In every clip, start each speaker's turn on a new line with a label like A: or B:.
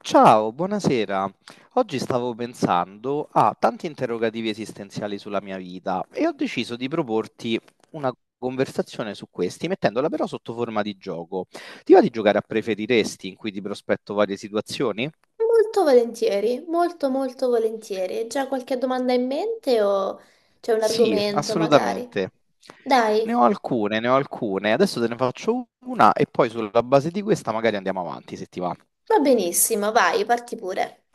A: Ciao, buonasera. Oggi stavo pensando a tanti interrogativi esistenziali sulla mia vita e ho deciso di proporti una conversazione su questi, mettendola però sotto forma di gioco. Ti va di giocare a preferiresti, in cui ti prospetto varie situazioni?
B: Molto volentieri, molto molto volentieri. Hai già qualche domanda in mente o c'è un
A: Sì,
B: argomento magari?
A: assolutamente.
B: Dai,
A: Ne ho alcune. Adesso te ne faccio una e poi sulla base di questa magari andiamo avanti, se ti va.
B: va benissimo, vai, parti pure.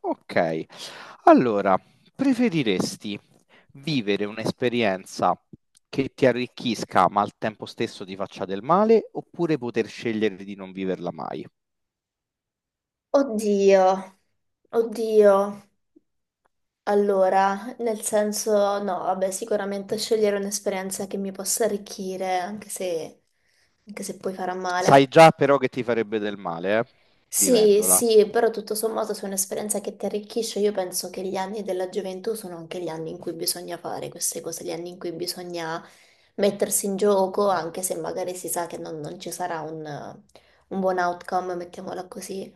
A: Ok, allora, preferiresti vivere un'esperienza che ti arricchisca ma al tempo stesso ti faccia del male oppure poter scegliere di non viverla mai?
B: Oddio, oddio. Allora, nel senso, no, vabbè, sicuramente scegliere un'esperienza che mi possa arricchire, anche se poi farà
A: Sai
B: male.
A: già però che ti farebbe del male, eh?
B: Sì,
A: Vivendola,
B: sì, però tutto sommato se è un'esperienza che ti arricchisce, io penso che gli anni della gioventù sono anche gli anni in cui bisogna fare queste cose, gli anni in cui bisogna mettersi in gioco, anche se magari si sa che non ci sarà un buon outcome, mettiamola così.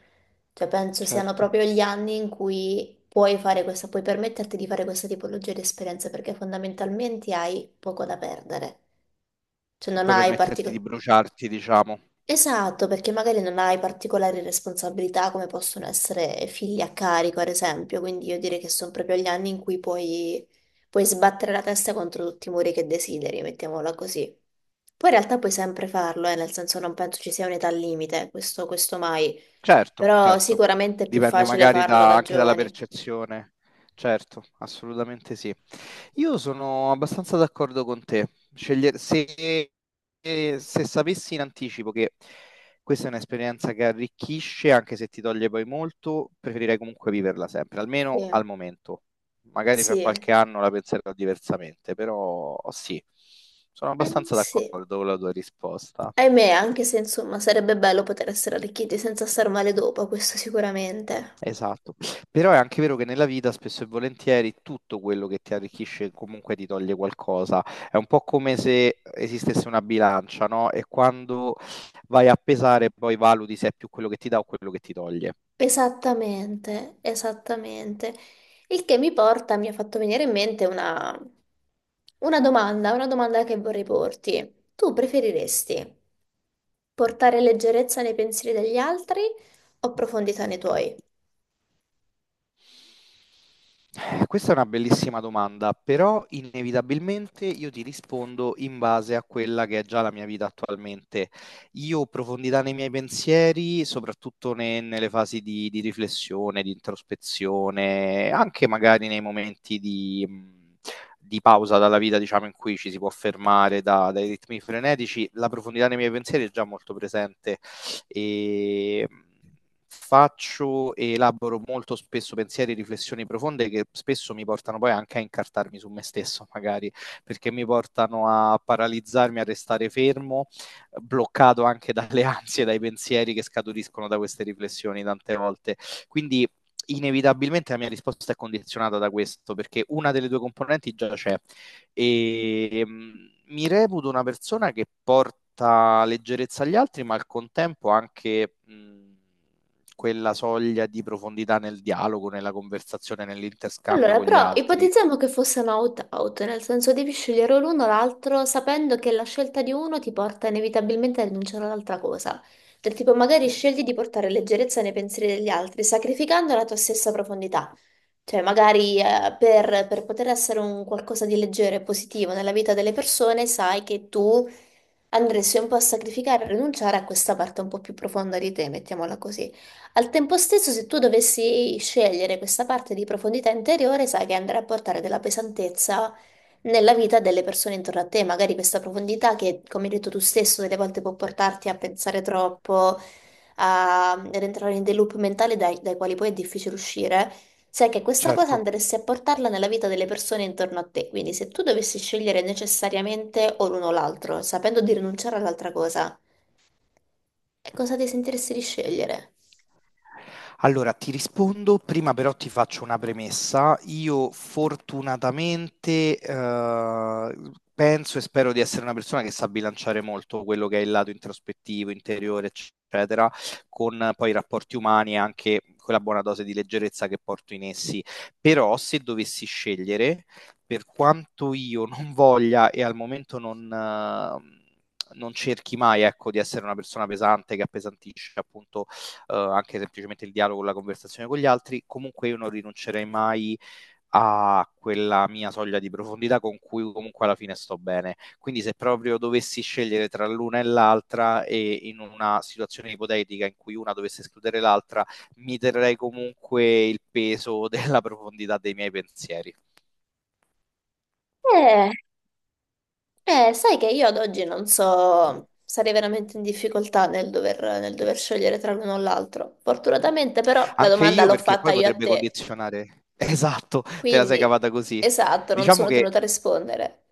B: Cioè, penso siano
A: certo.
B: proprio gli anni in cui puoi fare questa, puoi permetterti di fare questa tipologia di esperienze, perché fondamentalmente hai poco da perdere. Cioè, non
A: Puoi
B: hai
A: permetterti di
B: particolari.
A: bruciarti, diciamo.
B: Esatto, perché magari non hai particolari responsabilità come possono essere figli a carico, ad esempio, quindi io direi che sono proprio gli anni in cui puoi, puoi sbattere la testa contro tutti i muri che desideri, mettiamola così. Poi in realtà puoi sempre farlo, nel senso non penso ci sia un'età limite, questo mai,
A: Certo,
B: però
A: certo.
B: sicuramente è più
A: Dipende
B: facile
A: magari
B: farlo da
A: anche dalla
B: giovani.
A: percezione. Certo, assolutamente sì. Io sono abbastanza d'accordo con te. Scegliere, se sapessi in anticipo che questa è un'esperienza che arricchisce, anche se ti toglie poi molto, preferirei comunque viverla sempre,
B: Sì,
A: almeno al momento. Magari fra
B: sì,
A: qualche anno la penserò diversamente, però sì, sono abbastanza
B: sì.
A: d'accordo con la tua risposta.
B: Ahimè, anche se insomma sarebbe bello poter essere arricchiti senza star male dopo, questo sicuramente.
A: Esatto, però è anche vero che nella vita spesso e volentieri tutto quello che ti arricchisce comunque ti toglie qualcosa. È un po' come se esistesse una bilancia, no? E quando vai a pesare poi valuti se è più quello che ti dà o quello che ti toglie.
B: Esattamente, esattamente. Il che mi porta, mi ha fatto venire in mente una domanda che vorrei porti. Tu preferiresti portare leggerezza nei pensieri degli altri o profondità nei tuoi?
A: Questa è una bellissima domanda, però inevitabilmente io ti rispondo in base a quella che è già la mia vita attualmente. Io profondità nei miei pensieri, soprattutto nelle fasi di riflessione, di introspezione, anche magari nei momenti di pausa dalla vita, diciamo, in cui ci si può fermare dai ritmi frenetici, la profondità nei miei pensieri è già molto presente e faccio e elaboro molto spesso pensieri e riflessioni profonde che spesso mi portano poi anche a incartarmi su me stesso, magari perché mi portano a paralizzarmi, a restare fermo, bloccato anche dalle ansie, dai pensieri che scaturiscono da queste riflessioni tante volte. Quindi inevitabilmente la mia risposta è condizionata da questo, perché una delle due componenti già c'è, e mi reputo una persona che porta leggerezza agli altri, ma al contempo anche quella soglia di profondità nel dialogo, nella conversazione, nell'interscambio
B: Allora,
A: con gli
B: però
A: altri.
B: ipotizziamo che fosse un out-out, nel senso devi scegliere l'uno o l'altro sapendo che la scelta di uno ti porta inevitabilmente a rinunciare all'altra cosa. Del tipo, magari scegli di portare leggerezza nei pensieri degli altri, sacrificando la tua stessa profondità. Cioè, magari per poter essere un qualcosa di leggero e positivo nella vita delle persone, sai che tu andresti un po' a sacrificare, a rinunciare a questa parte un po' più profonda di te, mettiamola così. Al tempo stesso, se tu dovessi scegliere questa parte di profondità interiore, sai che andrà a portare della pesantezza nella vita delle persone intorno a te. Magari questa profondità che, come hai detto tu stesso, delle volte può portarti a pensare troppo, a ad entrare in dei loop mentali dai quali poi è difficile uscire. Sai che questa cosa
A: Certo.
B: andresti a portarla nella vita delle persone intorno a te, quindi se tu dovessi scegliere necessariamente o l'uno o l'altro, sapendo di rinunciare all'altra cosa, e cosa ti sentiresti di scegliere?
A: Allora, ti rispondo, prima però ti faccio una premessa. Io fortunatamente penso e spero di essere una persona che sa bilanciare molto quello che è il lato introspettivo, interiore, eccetera, con poi i rapporti umani e anche quella buona dose di leggerezza che porto in essi. Però se dovessi scegliere, per quanto io non voglia e al momento non... non cerchi mai, ecco, di essere una persona pesante che appesantisce appunto anche semplicemente il dialogo, la conversazione con gli altri, comunque io non rinuncerei mai a quella mia soglia di profondità con cui comunque alla fine sto bene. Quindi se proprio dovessi scegliere tra l'una e l'altra e in una situazione ipotetica in cui una dovesse escludere l'altra, mi terrei comunque il peso della profondità dei miei pensieri.
B: Eh, Sai che io ad oggi non so, sarei veramente in difficoltà nel dover scegliere tra l'uno o l'altro. Fortunatamente però la
A: Anche
B: domanda
A: io
B: l'ho
A: perché
B: fatta
A: poi
B: io a
A: potrebbe
B: te,
A: condizionare. Esatto, te la sei
B: quindi
A: cavata così.
B: esatto, non
A: Diciamo
B: sono
A: che
B: tenuta a rispondere.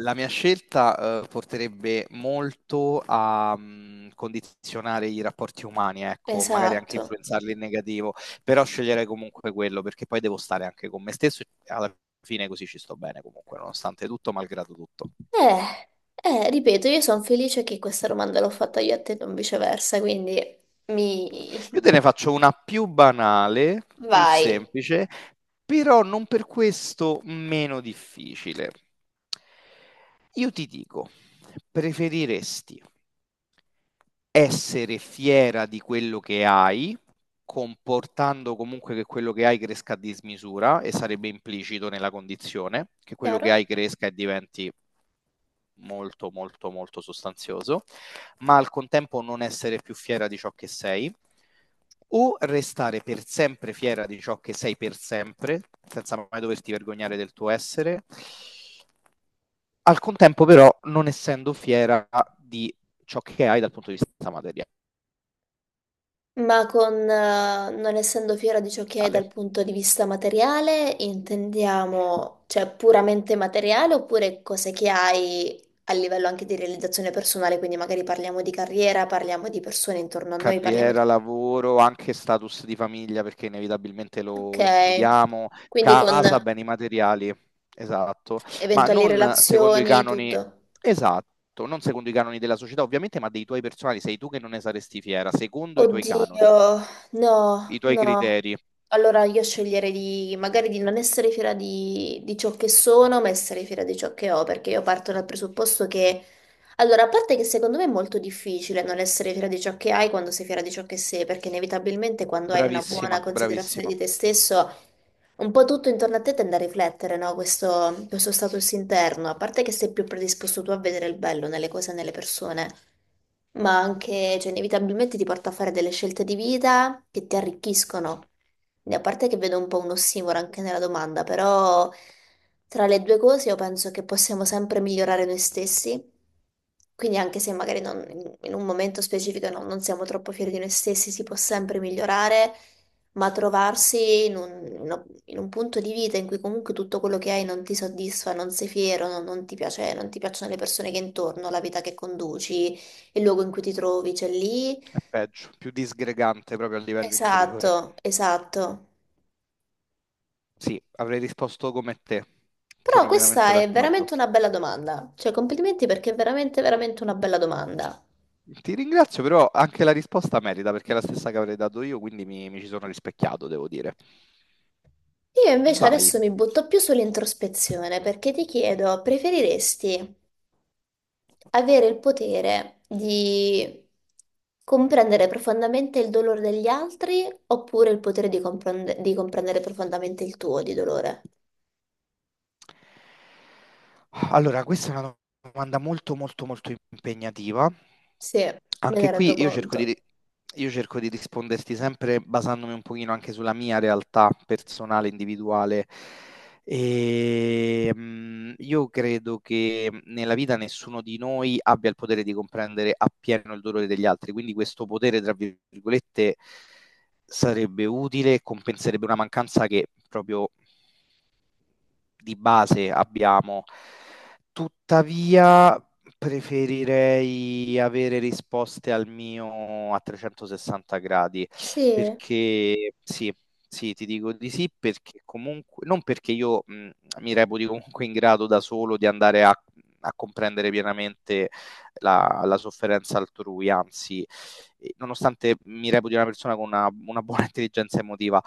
A: la mia scelta, porterebbe molto a, condizionare i rapporti umani, ecco, magari anche
B: Esatto.
A: influenzarli in negativo, però sceglierei comunque quello, perché poi devo stare anche con me stesso e alla fine così ci sto bene comunque, nonostante tutto, malgrado tutto.
B: Eh, Ripeto, io sono felice che questa domanda l'ho fatta io a te, non viceversa, quindi mi...
A: Io te ne faccio una più banale, più
B: Vai.
A: semplice, però non per questo meno difficile. Io ti dico, preferiresti essere fiera di quello che hai, comportando comunque che quello che hai cresca a dismisura, e sarebbe implicito nella condizione, che quello che
B: Chiaro?
A: hai cresca e diventi molto molto molto sostanzioso, ma al contempo non essere più fiera di ciò che sei, o restare per sempre fiera di ciò che sei per sempre, senza mai doverti vergognare del tuo essere, al contempo però non essendo fiera di ciò che hai dal punto di vista materiale.
B: Ma con non essendo fiera di ciò che hai dal punto di vista materiale, intendiamo, cioè, puramente materiale oppure cose che hai a livello anche di realizzazione personale, quindi magari parliamo di carriera, parliamo di persone intorno a noi, parliamo di...
A: Carriera, lavoro, anche status di famiglia, perché inevitabilmente
B: Ok,
A: lo includiamo,
B: quindi con
A: casa, beni materiali, esatto, ma
B: eventuali
A: non secondo i
B: relazioni,
A: canoni,
B: tutto.
A: esatto, non secondo i canoni della società ovviamente, ma dei tuoi personali, sei tu che non ne saresti fiera, secondo i tuoi canoni,
B: Oddio,
A: i
B: no,
A: tuoi
B: no.
A: criteri.
B: Allora io sceglierei di, magari di non essere fiera di, ciò che sono, ma essere fiera di ciò che ho, perché io parto dal presupposto che... Allora, a parte che secondo me è molto difficile non essere fiera di ciò che hai quando sei fiera di ciò che sei, perché inevitabilmente quando hai una buona
A: Bravissima,
B: considerazione di
A: bravissima,
B: te stesso, un po' tutto intorno a te tende a riflettere, no? Questo status interno, a parte che sei più predisposto tu a vedere il bello nelle cose e nelle persone ma anche, cioè, inevitabilmente ti porta a fare delle scelte di vita che ti arricchiscono. E a parte che vedo un po' un ossimoro anche nella domanda, però tra le due cose io penso che possiamo sempre migliorare noi stessi. Quindi anche se magari in un momento specifico non siamo troppo fieri di noi stessi, si può sempre migliorare, ma trovarsi in un punto di vita in cui comunque tutto quello che hai non ti soddisfa, non sei fiero, non ti piace, non ti piacciono le persone che hai intorno, la vita che conduci, il luogo in cui ti trovi, c'è lì.
A: è peggio, più disgregante proprio a livello interiore.
B: Esatto, esatto.
A: Sì, avrei risposto come te,
B: Però
A: sono pienamente
B: questa è
A: d'accordo.
B: veramente una bella domanda. Cioè, complimenti perché è veramente, veramente una bella domanda.
A: Ti ringrazio, però anche la risposta merita perché è la stessa che avrei dato io, quindi mi ci sono rispecchiato, devo dire.
B: Io invece
A: Vai.
B: adesso mi butto più sull'introspezione perché ti chiedo, preferiresti avere il potere di comprendere profondamente il dolore degli altri oppure il potere di di comprendere profondamente il tuo di dolore?
A: Allora, questa è una domanda molto, molto, molto impegnativa.
B: Sì, me ne
A: Anche
B: rendo
A: qui
B: conto.
A: io cerco di risponderti sempre basandomi un pochino anche sulla mia realtà personale, individuale. E, io credo che nella vita nessuno di noi abbia il potere di comprendere appieno il dolore degli altri, quindi questo potere, tra virgolette, sarebbe utile e compenserebbe una mancanza che proprio di base abbiamo. Tuttavia, preferirei avere risposte al mio a 360 gradi,
B: Sì.
A: perché sì, sì, ti dico di sì, perché comunque, non perché io mi reputi comunque in grado da solo di andare a comprendere pienamente la sofferenza altrui, anzi, nonostante mi reputi una persona con una buona intelligenza emotiva,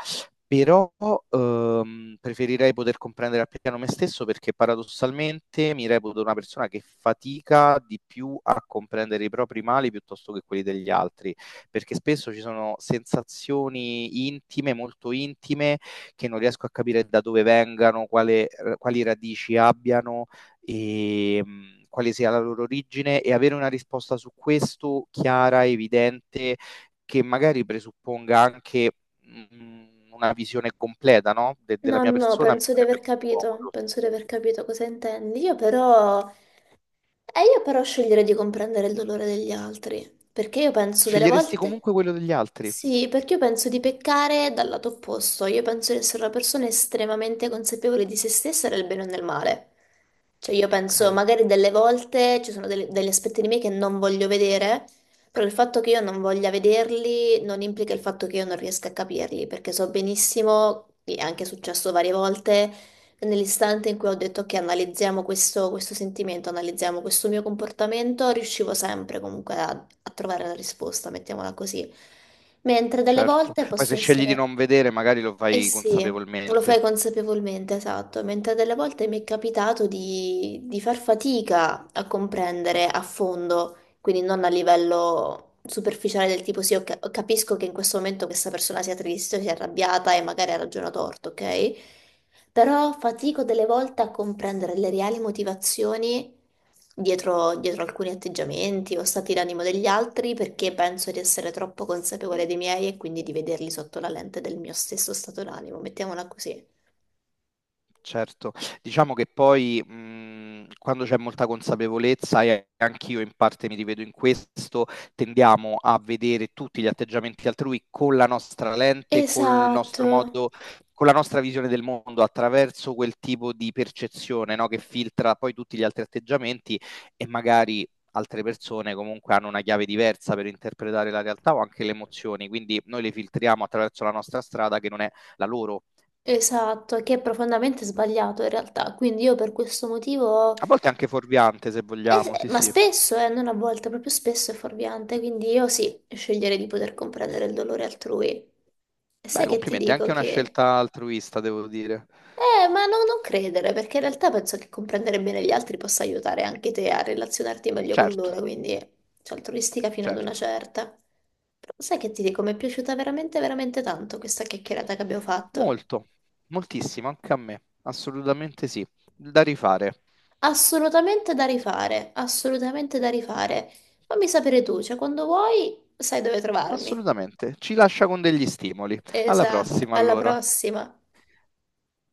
A: però preferirei poter comprendere al piano me stesso perché paradossalmente mi reputo una persona che fatica di più a comprendere i propri mali piuttosto che quelli degli altri, perché spesso ci sono sensazioni intime, molto intime, che non riesco a capire da dove vengano, quali radici abbiano e quale sia la loro origine e avere una risposta su questo chiara, evidente che magari presupponga anche una visione completa, no? Della
B: No,
A: mia
B: no,
A: persona mi
B: penso di
A: sarebbe
B: aver
A: più
B: capito,
A: comodo.
B: penso di aver capito cosa intendi. Io però, e io però sceglierei di comprendere il dolore degli altri, perché io penso delle
A: Sceglieresti
B: volte...
A: comunque quello degli altri?
B: Sì, perché io penso di peccare dal lato opposto, io penso di essere una persona estremamente consapevole di se stessa nel bene o nel male. Cioè io penso
A: Ok,
B: magari delle volte ci sono degli aspetti di me che non voglio vedere, però il fatto che io non voglia vederli non implica il fatto che io non riesca a capirli, perché so benissimo, e è anche successo varie volte, nell'istante in cui ho detto che analizziamo questo, questo sentimento, analizziamo questo mio comportamento, riuscivo sempre comunque a, a trovare la risposta, mettiamola così. Mentre delle
A: certo.
B: volte
A: Poi
B: posso
A: se scegli di
B: essere...
A: non vedere, magari lo
B: Eh
A: fai
B: sì, lo
A: consapevolmente.
B: fai consapevolmente, esatto, mentre delle volte mi è capitato di, far fatica a comprendere a fondo, quindi non a livello superficiale del tipo sì, ok, capisco che in questo momento questa persona sia triste, sia arrabbiata e magari ha ragione o torto, ok? Però fatico delle volte a comprendere le reali motivazioni dietro alcuni atteggiamenti o stati d'animo degli altri perché penso di essere troppo consapevole dei miei e quindi di vederli sotto la lente del mio stesso stato d'animo, mettiamola così.
A: Certo, diciamo che poi, quando c'è molta consapevolezza e anch'io in parte mi rivedo in questo, tendiamo a vedere tutti gli atteggiamenti altrui con la nostra lente, col
B: Esatto,
A: nostro modo con la nostra visione del mondo, attraverso quel tipo di percezione, no, che filtra poi tutti gli altri atteggiamenti e magari altre persone comunque hanno una chiave diversa per interpretare la realtà o anche le emozioni, quindi noi le filtriamo attraverso la nostra strada che non è la loro.
B: esatto, che è profondamente sbagliato in realtà. Quindi io per questo motivo,
A: A volte anche fuorviante, se vogliamo, sì,
B: ma
A: sì.
B: spesso, non a volte, proprio spesso è fuorviante, quindi io sì, sceglierei di poter comprendere il dolore altrui. E
A: Beh,
B: sai che ti
A: complimenti, è
B: dico
A: anche una
B: che...
A: scelta altruista, devo dire.
B: Ma non credere, perché in realtà penso che comprendere bene gli altri possa aiutare anche te a relazionarti meglio con
A: Certo,
B: loro, quindi c'è altruistica fino ad una
A: certo.
B: certa. Però sai che ti dico, mi è piaciuta veramente, veramente tanto questa chiacchierata che abbiamo fatto.
A: Molto, moltissimo, anche a me. Assolutamente sì. Da rifare.
B: Assolutamente da rifare, assolutamente da rifare. Fammi sapere tu, cioè quando vuoi sai dove trovarmi.
A: Assolutamente. Ci lascia con degli stimoli. Alla
B: Esatto,
A: prossima,
B: alla
A: allora.
B: prossima.